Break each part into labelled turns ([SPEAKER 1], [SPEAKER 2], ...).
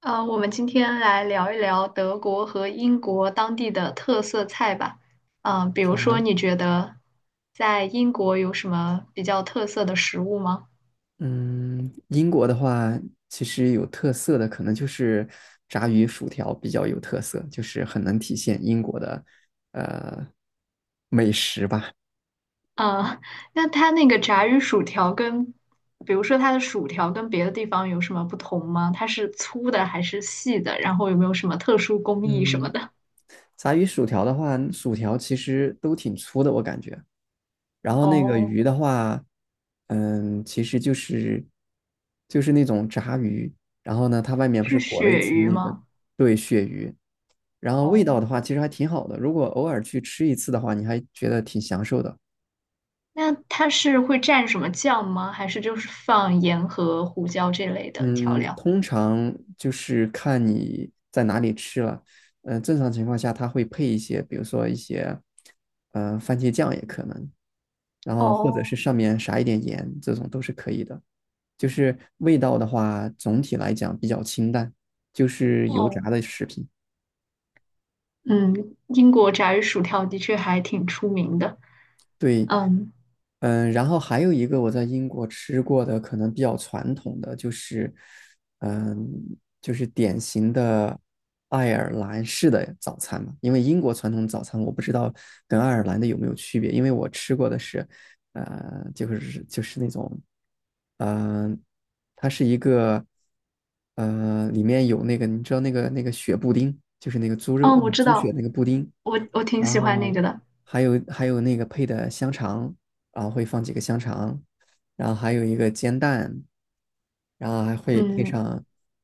[SPEAKER 1] 我们今天来聊一聊德国和英国当地的特色菜吧。比
[SPEAKER 2] 好
[SPEAKER 1] 如说，
[SPEAKER 2] 啊，
[SPEAKER 1] 你觉得在英国有什么比较特色的食物吗？
[SPEAKER 2] 嗯，英国的话，其实有特色的可能就是炸鱼薯条比较有特色，就是很能体现英国的呃美食吧。
[SPEAKER 1] 嗯、那它那个炸鱼薯条跟，比如说它的薯条跟别的地方有什么不同吗？它是粗的还是细的？然后有没有什么特殊工艺什么
[SPEAKER 2] 嗯，
[SPEAKER 1] 的？
[SPEAKER 2] 炸鱼薯条的话，薯条其实都挺粗的，我感觉。然后那个
[SPEAKER 1] 哦，
[SPEAKER 2] 鱼的话，其实就是那种炸鱼，然后呢，它外面不是裹
[SPEAKER 1] 是
[SPEAKER 2] 了一
[SPEAKER 1] 鳕
[SPEAKER 2] 层
[SPEAKER 1] 鱼
[SPEAKER 2] 那个
[SPEAKER 1] 吗？
[SPEAKER 2] 对鳕鱼，然后味道
[SPEAKER 1] 哦，
[SPEAKER 2] 的话，其实还挺好的。如果偶尔去吃一次的话，你还觉得挺享受的。
[SPEAKER 1] 那它是会蘸什么酱吗？还是就是放盐和胡椒这类的调
[SPEAKER 2] 嗯，
[SPEAKER 1] 料？
[SPEAKER 2] 通常就是看你在哪里吃了。正常情况下，它会配一些，比如说一些，番茄酱也可能，然后或者是
[SPEAKER 1] 哦
[SPEAKER 2] 上面撒一点盐，这种都是可以的。就是味道的话，总体来讲比较清淡，就是油炸
[SPEAKER 1] 哦，
[SPEAKER 2] 的食品。
[SPEAKER 1] 嗯，英国炸鱼薯条的确还挺出名的。
[SPEAKER 2] 对，
[SPEAKER 1] 嗯，
[SPEAKER 2] 然后还有一个我在英国吃过的，可能比较传统的就是，嗯，就是典型的爱尔兰式的早餐嘛。因为英国传统早餐我不知道跟爱尔兰的有没有区别，因为我吃过的是，就是那种，嗯、它是一个，里面有那个你知道那个血布丁，就是那个猪肉
[SPEAKER 1] 哦，我知
[SPEAKER 2] 猪血
[SPEAKER 1] 道，
[SPEAKER 2] 那个布丁。
[SPEAKER 1] 我挺
[SPEAKER 2] 然
[SPEAKER 1] 喜欢那
[SPEAKER 2] 后
[SPEAKER 1] 个的。
[SPEAKER 2] 还有那个配的香肠，然后会放几个香肠，然后还有一个煎蛋，然后还会配
[SPEAKER 1] 嗯，
[SPEAKER 2] 上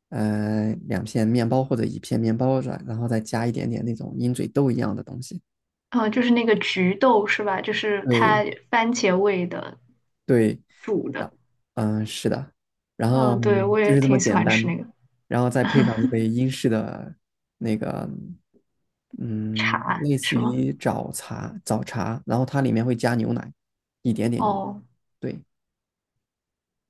[SPEAKER 2] 两片面包或者一片面包软，然后再加一点点那种鹰嘴豆一样的东西。
[SPEAKER 1] 就是那个菊豆是吧？就是
[SPEAKER 2] 对
[SPEAKER 1] 它番茄味的
[SPEAKER 2] 对，
[SPEAKER 1] 煮
[SPEAKER 2] 然
[SPEAKER 1] 的。
[SPEAKER 2] 是的，然后
[SPEAKER 1] 嗯，对，我
[SPEAKER 2] 就
[SPEAKER 1] 也
[SPEAKER 2] 是这么
[SPEAKER 1] 挺喜
[SPEAKER 2] 简
[SPEAKER 1] 欢
[SPEAKER 2] 单，
[SPEAKER 1] 吃那个。
[SPEAKER 2] 然后再配上 一杯英式的那个。嗯，
[SPEAKER 1] 茶，
[SPEAKER 2] 类似
[SPEAKER 1] 是吗？
[SPEAKER 2] 于早茶，然后它里面会加牛奶，一点点牛。
[SPEAKER 1] 哦，
[SPEAKER 2] 对，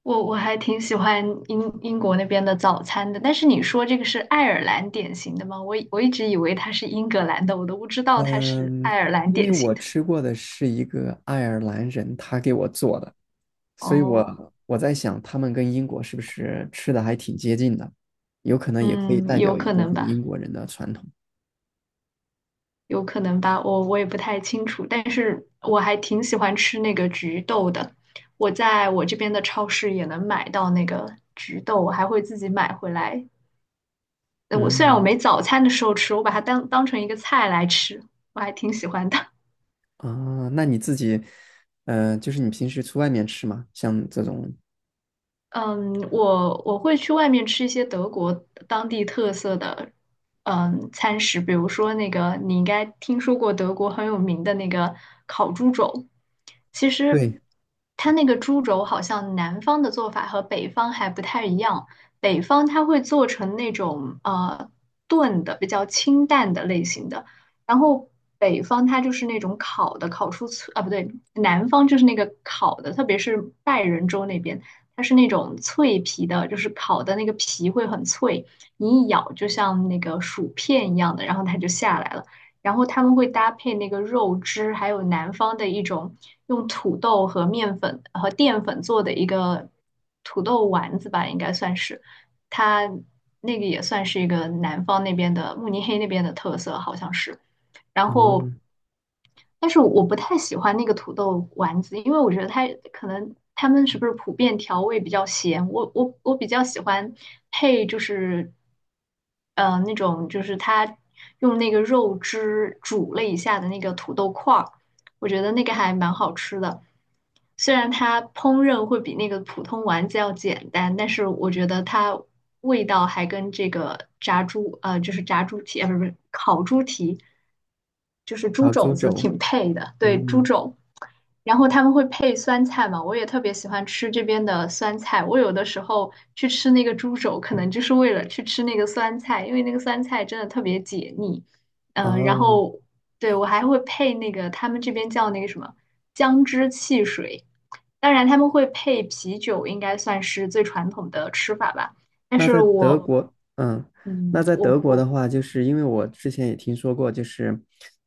[SPEAKER 1] 我还挺喜欢英国那边的早餐的。但是你说这个是爱尔兰典型的吗？我一直以为它是英格兰的，我都不知道它是
[SPEAKER 2] 嗯，
[SPEAKER 1] 爱尔兰
[SPEAKER 2] 因为
[SPEAKER 1] 典型
[SPEAKER 2] 我
[SPEAKER 1] 的。
[SPEAKER 2] 吃过的是一个爱尔兰人，他给我做的，所以
[SPEAKER 1] 哦。
[SPEAKER 2] 我在想，他们跟英国是不是吃的还挺接近的？有可能也可以
[SPEAKER 1] 嗯，
[SPEAKER 2] 代
[SPEAKER 1] 有
[SPEAKER 2] 表一
[SPEAKER 1] 可
[SPEAKER 2] 部
[SPEAKER 1] 能
[SPEAKER 2] 分英
[SPEAKER 1] 吧，
[SPEAKER 2] 国人的传统。
[SPEAKER 1] 有可能吧，我也不太清楚，但是我还挺喜欢吃那个菊豆的，我在我这边的超市也能买到那个菊豆，我还会自己买回来。呃我虽然我
[SPEAKER 2] 嗯，
[SPEAKER 1] 没早餐的时候吃，我把它当成一个菜来吃，我还挺喜欢的。
[SPEAKER 2] 那你自己，就是你平时去外面吃吗？像这种，
[SPEAKER 1] 嗯，我会去外面吃一些德国当地特色的嗯餐食，比如说那个你应该听说过德国很有名的那个烤猪肘。其实
[SPEAKER 2] 对，
[SPEAKER 1] 它那个猪肘好像南方的做法和北方还不太一样，北方它会做成那种炖的，比较清淡的类型的，然后北方它就是那种烤的，烤出脆啊不对，南方就是那个烤的，特别是拜仁州那边，它是那种脆皮的，就是烤的那个皮会很脆，你一咬就像那个薯片一样的，然后它就下来了。然后他们会搭配那个肉汁，还有南方的一种用土豆和面粉和淀粉做的一个土豆丸子吧，应该算是，它那个也算是一个南方那边的慕尼黑那边的特色，好像是。然后
[SPEAKER 2] 嗯，
[SPEAKER 1] 但是我不太喜欢那个土豆丸子，因为我觉得它可能他们是不是普遍调味比较咸，我比较喜欢配就是那种就是它用那个肉汁煮了一下的那个土豆块儿，我觉得那个还蛮好吃的。虽然它烹饪会比那个普通丸子要简单，但是我觉得它味道还跟这个炸猪就是炸猪蹄，不是烤猪蹄，就是猪
[SPEAKER 2] 潮
[SPEAKER 1] 肘
[SPEAKER 2] 猪
[SPEAKER 1] 子
[SPEAKER 2] 肘，
[SPEAKER 1] 挺配的，对，猪
[SPEAKER 2] 嗯，
[SPEAKER 1] 肘。然后他们会配酸菜嘛，我也特别喜欢吃这边的酸菜。我有的时候去吃那个猪肘，可能就是为了去吃那个酸菜，因为那个酸菜真的特别解腻。
[SPEAKER 2] 啊，
[SPEAKER 1] 然后对我还会配那个他们这边叫那个什么姜汁汽水，当然他们会配啤酒，应该算是最传统的吃法吧。但
[SPEAKER 2] 那
[SPEAKER 1] 是
[SPEAKER 2] 在德嗯
[SPEAKER 1] 我，
[SPEAKER 2] 国，嗯，那
[SPEAKER 1] 嗯，
[SPEAKER 2] 在德
[SPEAKER 1] 我
[SPEAKER 2] 国的
[SPEAKER 1] 我，
[SPEAKER 2] 话，就是因为我之前也听说过，就是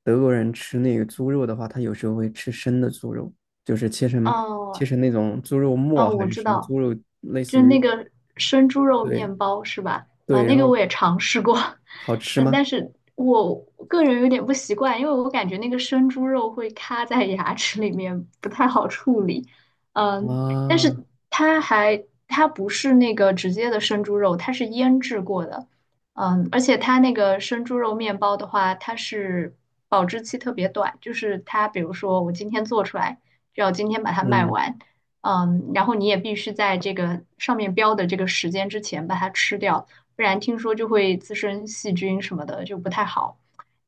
[SPEAKER 2] 德国人吃那个猪肉的话，他有时候会吃生的猪肉，就是切成切
[SPEAKER 1] 哦
[SPEAKER 2] 成那种猪肉
[SPEAKER 1] 哦，
[SPEAKER 2] 末还
[SPEAKER 1] 我
[SPEAKER 2] 是
[SPEAKER 1] 知
[SPEAKER 2] 什么
[SPEAKER 1] 道，
[SPEAKER 2] 猪肉，类似
[SPEAKER 1] 就
[SPEAKER 2] 于，
[SPEAKER 1] 那个生猪肉
[SPEAKER 2] 对
[SPEAKER 1] 面包是吧？啊、
[SPEAKER 2] 对，
[SPEAKER 1] 那
[SPEAKER 2] 然
[SPEAKER 1] 个
[SPEAKER 2] 后
[SPEAKER 1] 我也尝试过。
[SPEAKER 2] 好吃
[SPEAKER 1] 嗯，但
[SPEAKER 2] 吗？
[SPEAKER 1] 是我个人有点不习惯，因为我感觉那个生猪肉会卡在牙齿里面，不太好处理。嗯，但是
[SPEAKER 2] 啊，
[SPEAKER 1] 它还它不是那个直接的生猪肉，它是腌制过的。嗯，而且它那个生猪肉面包的话，它是保质期特别短，就是它比如说我今天做出来，就要今天把它卖
[SPEAKER 2] 嗯，
[SPEAKER 1] 完。嗯，然后你也必须在这个上面标的这个时间之前把它吃掉，不然听说就会滋生细菌什么的，就不太好。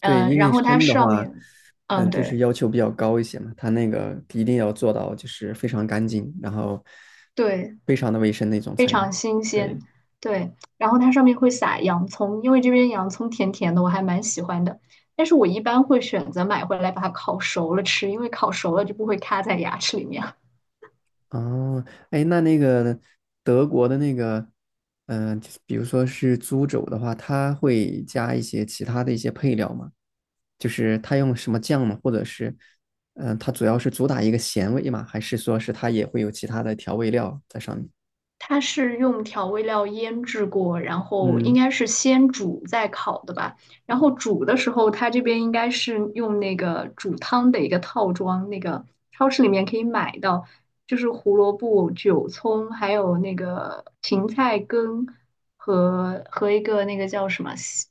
[SPEAKER 2] 对，
[SPEAKER 1] 嗯，
[SPEAKER 2] 因
[SPEAKER 1] 然
[SPEAKER 2] 为
[SPEAKER 1] 后它
[SPEAKER 2] 生的
[SPEAKER 1] 上
[SPEAKER 2] 话，
[SPEAKER 1] 面，嗯，
[SPEAKER 2] 就是
[SPEAKER 1] 对
[SPEAKER 2] 要求比较高一些嘛，它那个一定要做到就是非常干净，然后
[SPEAKER 1] 对
[SPEAKER 2] 非常的卫生那种才能，对。
[SPEAKER 1] 对，然后它上面会撒洋葱，因为这边洋葱甜甜的，我还蛮喜欢的。但是我一般会选择买回来把它烤熟了吃，因为烤熟了就不会卡在牙齿里面。
[SPEAKER 2] 哦，哎，那个德国的那个，就是比如说是猪肘的话，它会加一些其他的一些配料吗？就是它用什么酱吗？或者是，它主要是主打一个咸味嘛，还是说是它也会有其他的调味料在上面？
[SPEAKER 1] 它是用调味料腌制过，然后应
[SPEAKER 2] 嗯
[SPEAKER 1] 该是先煮再烤的吧。然后煮的时候，它这边应该是用那个煮汤的一个套装，那个超市里面可以买到，就是胡萝卜、韭葱，还有那个芹菜根和一个那个叫什么细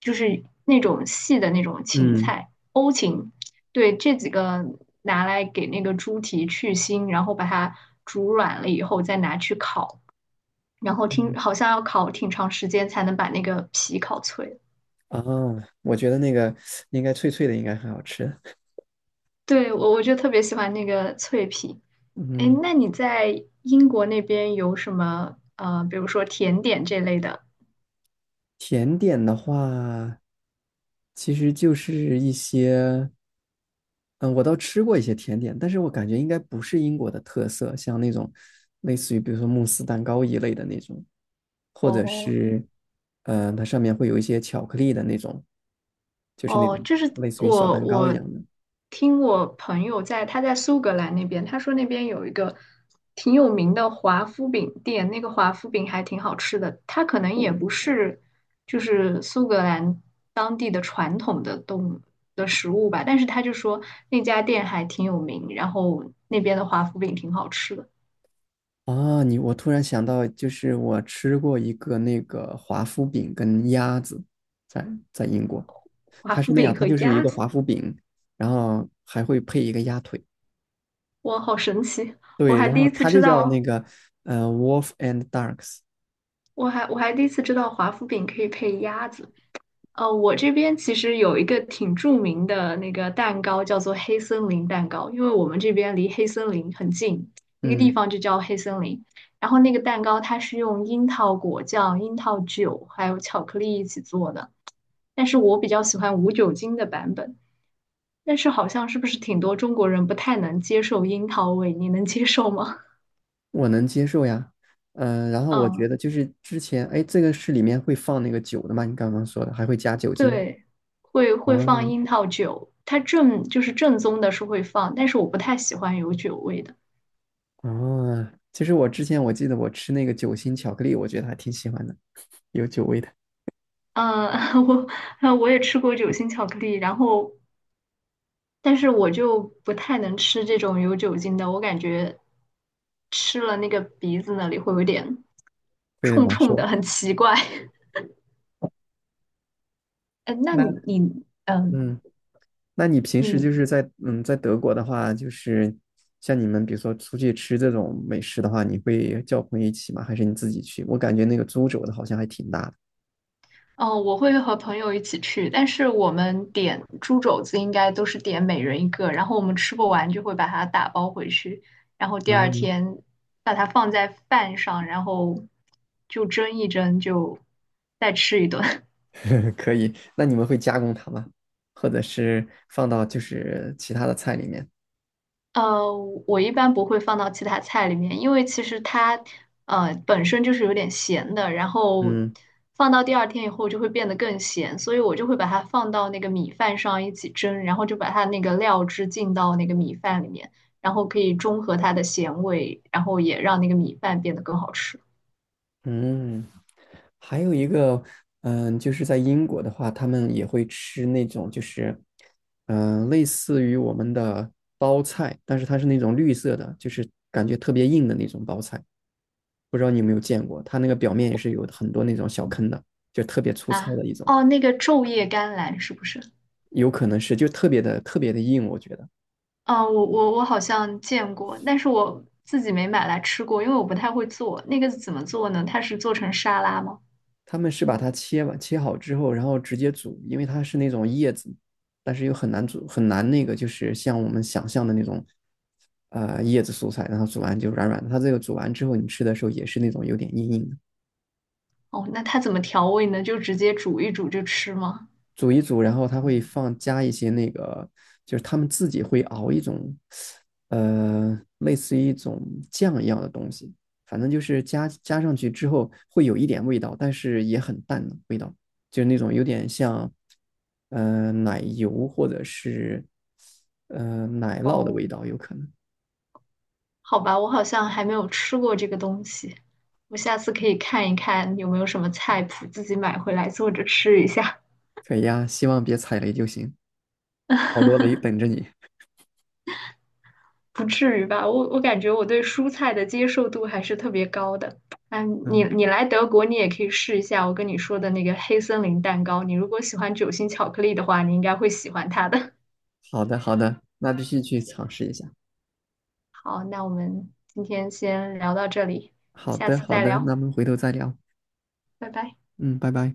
[SPEAKER 1] 就是那种细的那种芹
[SPEAKER 2] 嗯
[SPEAKER 1] 菜，欧芹。对，这几个拿来给那个猪蹄去腥，然后把它煮软了以后再拿去烤。然后
[SPEAKER 2] 嗯，
[SPEAKER 1] 听好像要烤挺长时间才能把那个皮烤脆。
[SPEAKER 2] 哦，我觉得那个应该脆脆的，应该很好吃。
[SPEAKER 1] 对，我就特别喜欢那个脆皮。哎，
[SPEAKER 2] 嗯，
[SPEAKER 1] 那你在英国那边有什么比如说甜点这类的？
[SPEAKER 2] 甜点的话，其实就是一些。嗯，我倒吃过一些甜点，但是我感觉应该不是英国的特色，像那种类似于比如说慕斯蛋糕一类的那种，或者
[SPEAKER 1] 哦
[SPEAKER 2] 是，它上面会有一些巧克力的那种，就是那种
[SPEAKER 1] 哦，就是
[SPEAKER 2] 类似于小
[SPEAKER 1] 我
[SPEAKER 2] 蛋糕一
[SPEAKER 1] 我
[SPEAKER 2] 样的。
[SPEAKER 1] 听我朋友在他在苏格兰那边，他说那边有一个挺有名的华夫饼店，那个华夫饼还挺好吃的。它可能也不是就是苏格兰动的食物吧，但是他就说那家店还挺有名，然后那边的华夫饼挺好吃的，
[SPEAKER 2] 啊，我突然想到，就是我吃过一个那个华夫饼跟鸭子在，在英国，
[SPEAKER 1] 华
[SPEAKER 2] 它是
[SPEAKER 1] 夫
[SPEAKER 2] 那样，
[SPEAKER 1] 饼
[SPEAKER 2] 它
[SPEAKER 1] 和
[SPEAKER 2] 就是一
[SPEAKER 1] 鸭
[SPEAKER 2] 个
[SPEAKER 1] 子，
[SPEAKER 2] 华夫饼，然后还会配一个鸭腿，
[SPEAKER 1] 哇，好神奇！我
[SPEAKER 2] 对，
[SPEAKER 1] 还
[SPEAKER 2] 然
[SPEAKER 1] 第
[SPEAKER 2] 后
[SPEAKER 1] 一次
[SPEAKER 2] 它就
[SPEAKER 1] 知
[SPEAKER 2] 叫那
[SPEAKER 1] 道，
[SPEAKER 2] 个Wolf and Ducks，
[SPEAKER 1] 我还第一次知道华夫饼可以配鸭子。呃，我这边其实有一个挺著名的那个蛋糕，叫做黑森林蛋糕，因为我们这边离黑森林很近，那个地
[SPEAKER 2] 嗯。
[SPEAKER 1] 方就叫黑森林。然后那个蛋糕它是用樱桃果酱、樱桃酒还有巧克力一起做的。但是我比较喜欢无酒精的版本。但是好像是不是挺多中国人不太能接受樱桃味？你能接受吗？
[SPEAKER 2] 我能接受呀，然 后我觉
[SPEAKER 1] 嗯，
[SPEAKER 2] 得就是之前，哎，这个是里面会放那个酒的吗？你刚刚说的还会加酒精
[SPEAKER 1] 对，会
[SPEAKER 2] 啊
[SPEAKER 1] 放樱桃酒，它正宗的是会放，但是我不太喜欢有酒味的。
[SPEAKER 2] 啊！其实我之前我记得我吃那个酒心巧克力，我觉得还挺喜欢的，有酒味的，
[SPEAKER 1] 嗯，我也吃过酒心巧克力，然后但是我就不太能吃这种有酒精的，我感觉吃了那个鼻子那里会有点
[SPEAKER 2] 会有点
[SPEAKER 1] 冲
[SPEAKER 2] 难
[SPEAKER 1] 冲的，
[SPEAKER 2] 受。
[SPEAKER 1] 很奇怪。呃，那
[SPEAKER 2] 那
[SPEAKER 1] 你嗯、呃
[SPEAKER 2] 嗯，那你平时就
[SPEAKER 1] 你
[SPEAKER 2] 是在德国的话，就是像你们比如说出去吃这种美食的话，你会叫朋友一起吗？还是你自己去？我感觉那个租酒的好像还挺大
[SPEAKER 1] 嗯，我会和朋友一起去，但是我们点猪肘子应该都是点每人一个，然后我们吃不完就会把它打包回去，然后
[SPEAKER 2] 的。
[SPEAKER 1] 第
[SPEAKER 2] 啊
[SPEAKER 1] 二天把它放在饭上，然后就蒸一蒸，就再吃一顿。
[SPEAKER 2] 可以。那你们会加工它吗？或者是放到就是其他的菜里面？
[SPEAKER 1] 呃，我一般不会放到其他菜里面，因为其实它本身就是有点咸的，然后
[SPEAKER 2] 嗯
[SPEAKER 1] 放到第二天以后就会变得更咸，所以我就会把它放到那个米饭上一起蒸，然后就把它那个料汁浸到那个米饭里面，然后可以中和它的咸味，然后也让那个米饭变得更好吃
[SPEAKER 2] 嗯。还有一个，就是在英国的话，他们也会吃那种就是，类似于我们的包菜，但是它是那种绿色的，就是感觉特别硬的那种包菜。不知道你有没有见过，它那个表面也是有很多那种小坑的，就特别粗糙
[SPEAKER 1] 啊。
[SPEAKER 2] 的一种，
[SPEAKER 1] 哦，那个昼夜甘蓝是不是？
[SPEAKER 2] 有可能是就特别的特别的硬，我觉得。
[SPEAKER 1] 哦，我好像见过，但是我自己没买来吃过，因为我不太会做。那个怎么做呢？它是做成沙拉吗？
[SPEAKER 2] 他们是把它切完切好之后，然后直接煮，因为它是那种叶子，但是又很难煮，很难那个就是像我们想象的那种，叶子蔬菜，然后煮完就软软的。它这个煮完之后，你吃的时候也是那种有点硬硬的。
[SPEAKER 1] 哦，那它怎么调味呢？就直接煮一煮就吃吗？
[SPEAKER 2] 煮一煮，然后它会放加一些那个，就是他们自己会熬一种，类似于一种酱一样的东西，反正就是加上去之后会有一点味道，但是也很淡的味道，就是那种有点像，奶油或者是奶酪的
[SPEAKER 1] 哦，
[SPEAKER 2] 味道，有可能。
[SPEAKER 1] 好吧，我好像还没有吃过这个东西，我下次可以看一看有没有什么菜谱，自己买回来做着吃一下。
[SPEAKER 2] 可以呀，希望别踩雷就行，好多雷等 着你。
[SPEAKER 1] 不至于吧？我感觉我对蔬菜的接受度还是特别高的。嗯，你
[SPEAKER 2] 嗯，
[SPEAKER 1] 你来德国，你也可以试一下我跟你说的那个黑森林蛋糕。你如果喜欢酒心巧克力的话，你应该会喜欢它的。
[SPEAKER 2] 好的好的，那必须去尝试一下。
[SPEAKER 1] 好，那我们今天先聊到这里，
[SPEAKER 2] 好
[SPEAKER 1] 下
[SPEAKER 2] 的
[SPEAKER 1] 次
[SPEAKER 2] 好
[SPEAKER 1] 再
[SPEAKER 2] 的，那
[SPEAKER 1] 聊，
[SPEAKER 2] 我们回头再聊。
[SPEAKER 1] 拜拜。
[SPEAKER 2] 嗯，拜拜。